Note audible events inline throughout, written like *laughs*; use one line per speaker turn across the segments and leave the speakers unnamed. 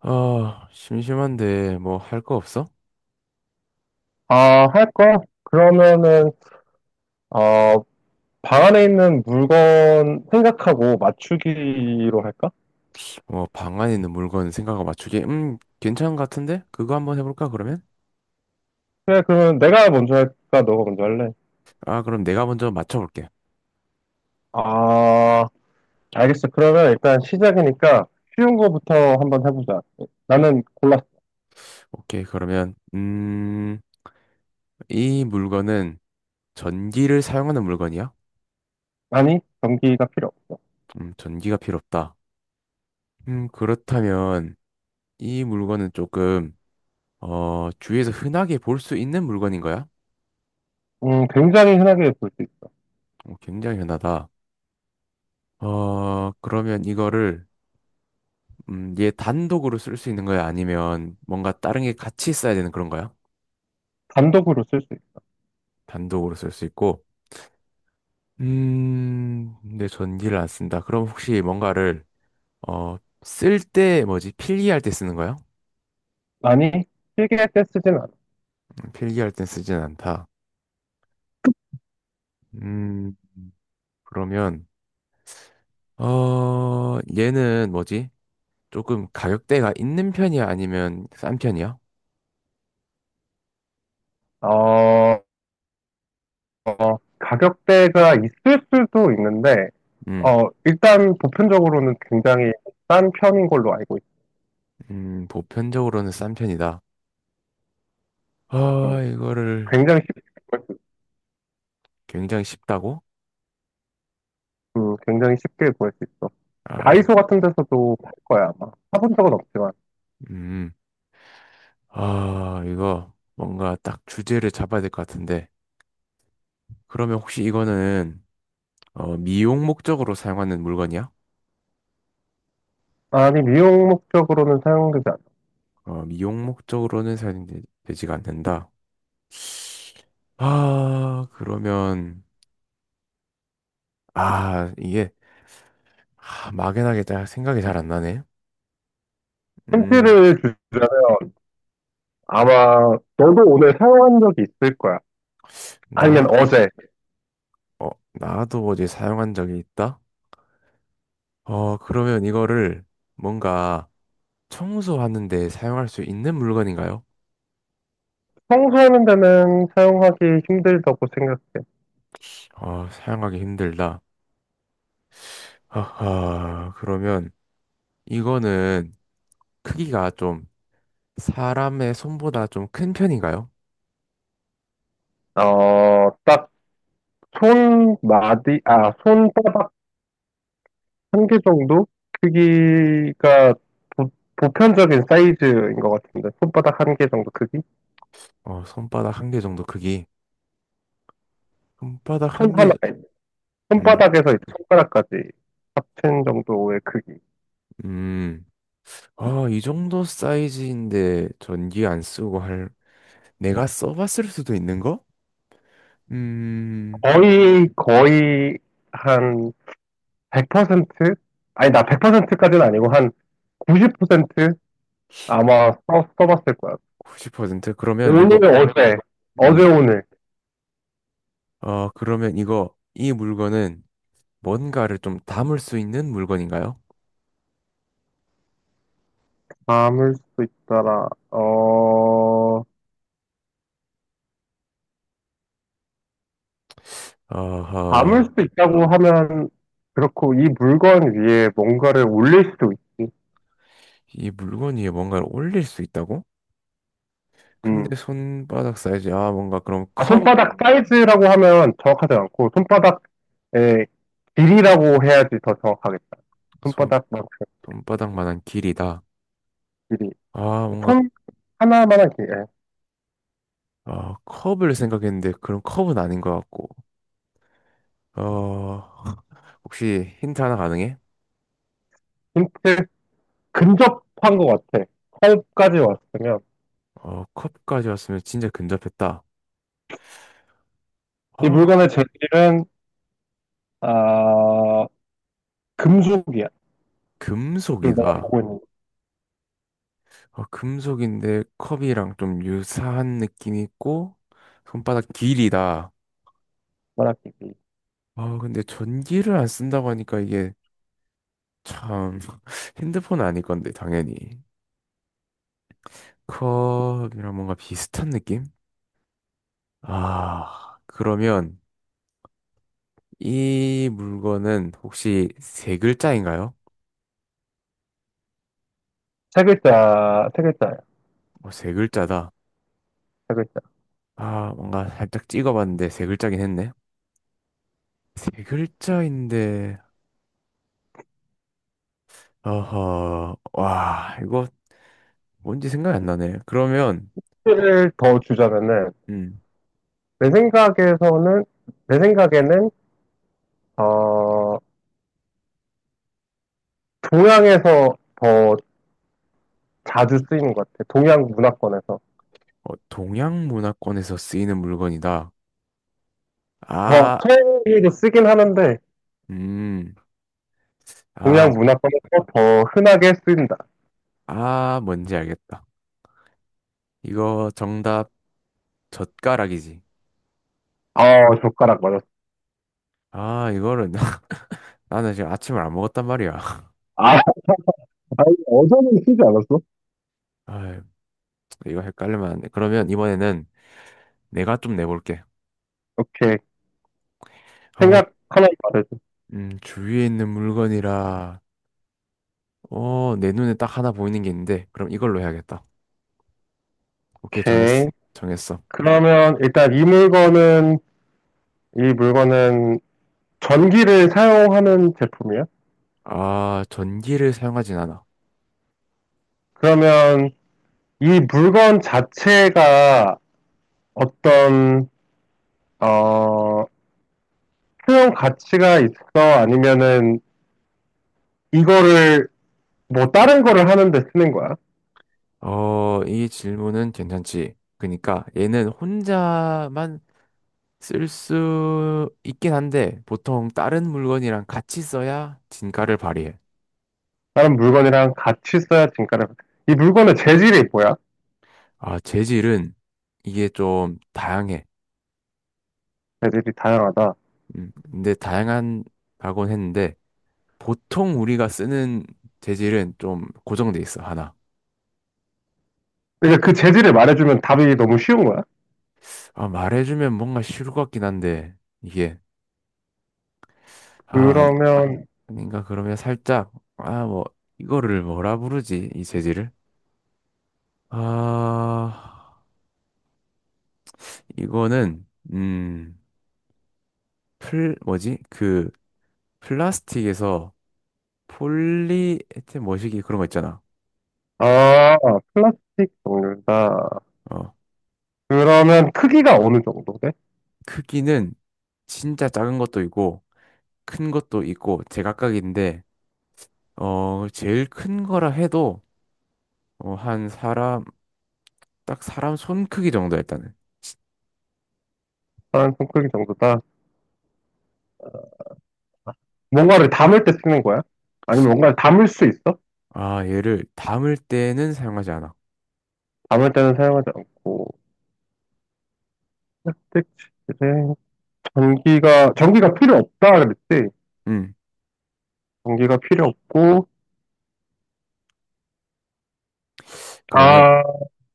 아, 심심한데 뭐 할 거 없어?
아, 할 거? 그러면은, 어, 방 안에 있는 물건 생각하고 맞추기로 할까?
뭐 방 안에 있는 물건 생각하고 맞추기. 괜찮은 것 같은데? 그거 한번 해볼까 그러면?
그래, 그러면 내가 먼저 할까? 너가 먼저 할래?
아, 그럼 내가 먼저 맞춰볼게.
아, 알겠어. 그러면 일단 시작이니까 쉬운 거부터 한번 해보자. 나는 골랐어.
오케이, 그러면 이 물건은 전기를 사용하는 물건이야?
아니, 전기가 필요 없어.
전기가 필요 없다. 그렇다면 이 물건은 조금 주위에서 흔하게 볼 수 있는 물건인 거야?
굉장히 흔하게 볼 수 있어.
어, 굉장히 흔하다. 어, 그러면 이거를 얘 단독으로 쓸 수 있는 거야? 아니면 뭔가 다른 게 같이 써야 되는 그런 거야?
단독으로 쓸 수 있어.
단독으로 쓸 수 있고. 근데 전기를 안 쓴다. 그럼 혹시 뭔가를, 어, 쓸 때, 뭐지? 필기할 때 쓰는 거야?
아니, 필기할 때 쓰진 않아.
필기할 땐 쓰진 않다. 음, 그러면, 얘는 뭐지? 조금 가격대가 있는 편이야? 아니면 싼 편이야?
어, 가격대가 있을 수도 있는데,
음,
일단 보편적으로는 굉장히 싼 편인 걸로 알고 있어.
보편적으로는 싼 편이다.
음,
아, 이거를
굉장히 쉽,
굉장히 쉽다고?
굉장히 쉽게 구할 수 있어.
아,
다이소 같은 데서도 팔 거야, 아마. 사본 적은 없지만.
음. 아, 이거 뭔가 딱 주제를 잡아야 될 것 같은데. 그러면 혹시 이거는 미용 목적으로 사용하는 물건이야?
아니, 미용 목적으로는 사용되지 않아.
어, 미용 목적으로는 사용되지가 않는다. 아, 그러면 아, 이게 아, 막연하게 딱 생각이 잘 안 나네. 음,
힌트를 주자면 아마 너도 오늘 사용한 적이 있을 거야. 아니면
나,
어제.
어, 나도 어제 사용한 적이 있다. 어, 그러면 이거를 뭔가 청소하는데 사용할 수 있는 물건인가요?
청소하는 데는 사용하기 힘들다고 생각해.
어, 사용하기 힘들다. 하하, 그러면 이거는 크기가 좀 사람의 손보다 좀 큰 편인가요?
딱 손마디, 아, 손바닥 한 개 정도? 크기가 보, 보편적인 사이즈인 것 같은데 손바닥 한 개 정도 크기?
어, 손바닥 한 개 정도 크기. 손바닥
손
한 개, 저-
하나에
음,
손바닥에서 이제 손가락까지 합친 정도의 크기.
음. 아, 이 정도 사이즈인데 전기 안 쓰고 할, 내가 써봤을 수도 있는 거? 음,
거의 거의 한 100%? 아니, 나 100%까지는 아니고 한 90% 아마 써봤을 거야.
90%? 그러면
오늘
이거,
어제, 어제
음,
오늘.
이 물건은 뭔가를 좀 담을 수 있는 물건인가요?
담을 수 있더라.
어허,
담을 수 있다고 하면 그렇고, 이 물건 위에 뭔가를 올릴 수도 있지.
이 물건 위에 뭔가를 올릴 수 있다고?
음.
근데 손바닥 사이즈 아 뭔가 그럼
아,
컵
손바닥 사이즈라고 하면 정확하지 않고 손바닥의 길이라고 해야지 더 정확하겠다.
손,
손바닥만큼
손바닥만한 길이다
길이.
아 뭔가
손 하나만한 길이. 예.
아 컵을 생각했는데 그럼 컵은 아닌 것 같고 어 *laughs* 혹시 힌트 하나 가능해?
힌트, 근접한 것 같아. 컵까지 왔으면.
어 컵까지 왔으면 진짜 근접했다
이
아 그-
물건의 재질은 아 금속이야. 지금
금속이다
내가 보고 있는,
어, 금속인데 컵이랑 좀 유사한 느낌이 있고 손바닥 길이다
만한 길이.
아 근데 전기를 안 쓴다고 하니까 이게 참 *laughs* 핸드폰 아닐 건데 당연히 컵이랑 뭔가 비슷한 느낌? 아, 그러면 이 물건은 혹시 세 글자인가요?
세 글자, 세 글자야.
어, 세 글자다.
세 글자.
아, 뭔가 살짝 찍어봤는데 세 글자긴 했네. 세 글자인데, 어허, 와, 이거 뭔지 생각이 안 나네. 그러면,
힌트를 더 주자면은,
음,
내 생각에서는, 내 생각에는, 어, 동양에서 더 자주 쓰이는 것 같아. 동양 문화권에서.
어, 동양 문화권에서 쓰이는 물건이다.
더,
아,
서양에도 쓰긴 하는데,
음,
동양
아,
문화권에서 더 흔하게 쓰인다.
아, 뭔지 알겠다. 이거 정답 젓가락이지.
아, 젓가락 맞았어.
아, 이거를 *laughs* 나는 지금 아침을 안 먹었단 말이야. *laughs*
아, 아니, 어제는 쓰지 않았어?
아, 이거 헷갈리면 안 돼. 그러면 이번에는 내가 좀 내볼게.
오케이.
아,
생각 하나만 말해줘.
주위에 있는 물건이라, 어, 내 눈에 딱 하나 보이는 게 있는데, 그럼 이걸로 해야겠다. 오케이, 정했어.
오케이.
정했어.
그러면 일단 이 물건은 전기를 사용하는 제품이야?
아, 전기를 사용하진 않아.
그러면 이 물건 자체가 어떤, 어, 수용 가치가 있어? 아니면은 이거를 뭐 다른 거를 하는데 쓰는 거야?
어, 이 질문은 괜찮지. 그러니까 얘는 혼자만 쓸 수 있긴 한데, 보통 다른 물건이랑 같이 써야 진가를 발휘해.
다른 물건이랑 같이 써야 진가를. 이 물건의 재질이 뭐야?
아, 재질은 이게 좀 다양해.
재질이 다양하다.
근데 다양한 발권 했는데 보통 우리가 쓰는 재질은 좀 고정돼 있어 하나.
그러니까 그 재질을 말해주면 답이 너무 쉬운 거야.
아 말해주면 뭔가 쉬울 것 같긴 한데 이게 아 아니-
그러면,
아닌가 그러면 살짝 아 뭐 이거를 뭐라 부르지 이 재질을? 아 이거는 음플 뭐지 그 플라스틱에서 폴리에틸 뭐시기 그런 거 있잖아.
아, 플라스틱 종류다.
어
그러면 크기가 어느 정도 돼?
크기는 진짜 작은 것도 있고 큰 것도 있고 제각각인데. 어, 제일 큰 거라 해도 어, 한 사람 딱 사람 손 크기 정도 일단은.
사람 손 크기 정도다. 뭔가를 담을 때 쓰는 거야? 아니면 뭔가를 담을 수 있어?
아, 얘를 담을 때는 사용하지 않아.
담을 때는 사용하지 않고. 스틱 재질. 전기가 필요 없다 그랬지.
음.
전기가 필요 없고,
그러면
아,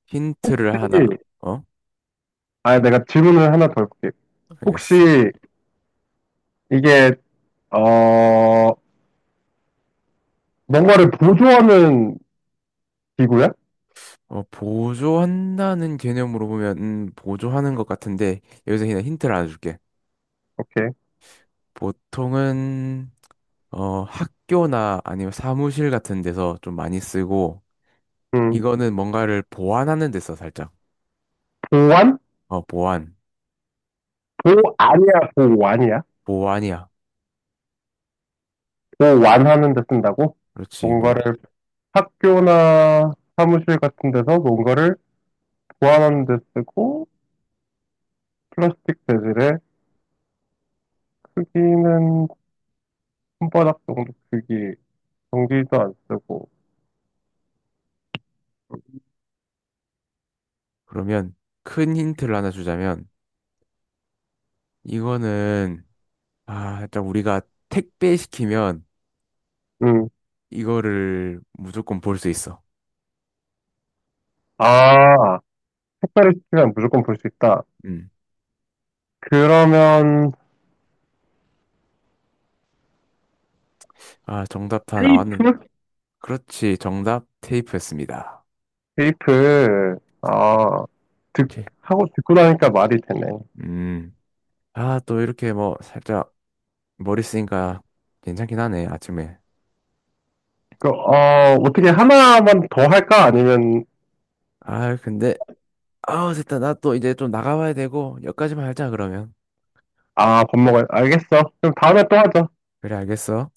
힌트를 하나.
혹시-
어?
아, 내가 질문을 하나 더 해볼게.
알겠어.
혹시 이게, 어, 뭔가를 보조하는 기구야?
어, 보조한다는 개념으로 보면 보조하는 것 같은데 여기서 그냥 힌트를 하나 줄게.
오케이.
보통은 학교나 아니면 사무실 같은 데서 좀 많이 쓰고
음,
이거는 뭔가를 보완하는 데 써, 살짝.
보완?
어, 보완.
보안이야, 보완이야?
보완이야.
보완하는 데 쓴다고?
그렇지. 뭐,
뭔가를 학교나 사무실 같은 데서 뭔가를 보완하는 데 쓰고, 플라스틱 재질의 크기는 손바닥 정도 크기, 전기도 안 쓰고,
그러면 큰 힌트를 하나 주자면 이거는 아, 일단 우리가 택배 시키면
음,
이거를 무조건 볼 수 있어.
아, 색깔을 시키면 무조건 볼 수 있다.
음.
그러면
아, 정답 다 나왔는.
테이프?
그렇지. 정답 테이프였습니다.
테이프. 아, 듣,
오케이.
하고 듣고 나니까 말이 되네.
음. 아, 또 이렇게 뭐 살짝 머리 쓰니까 괜찮긴 하네, 아침에.
어떻게 하나만 더 할까, 아니면?
아, 근데 아, 됐다. 나 또 이제 좀 나가봐야 되고 여기까지만 하자 그러면.
아, 밥 먹어야 알겠어. 그럼 다음에 또 하자.
그래, 알겠어.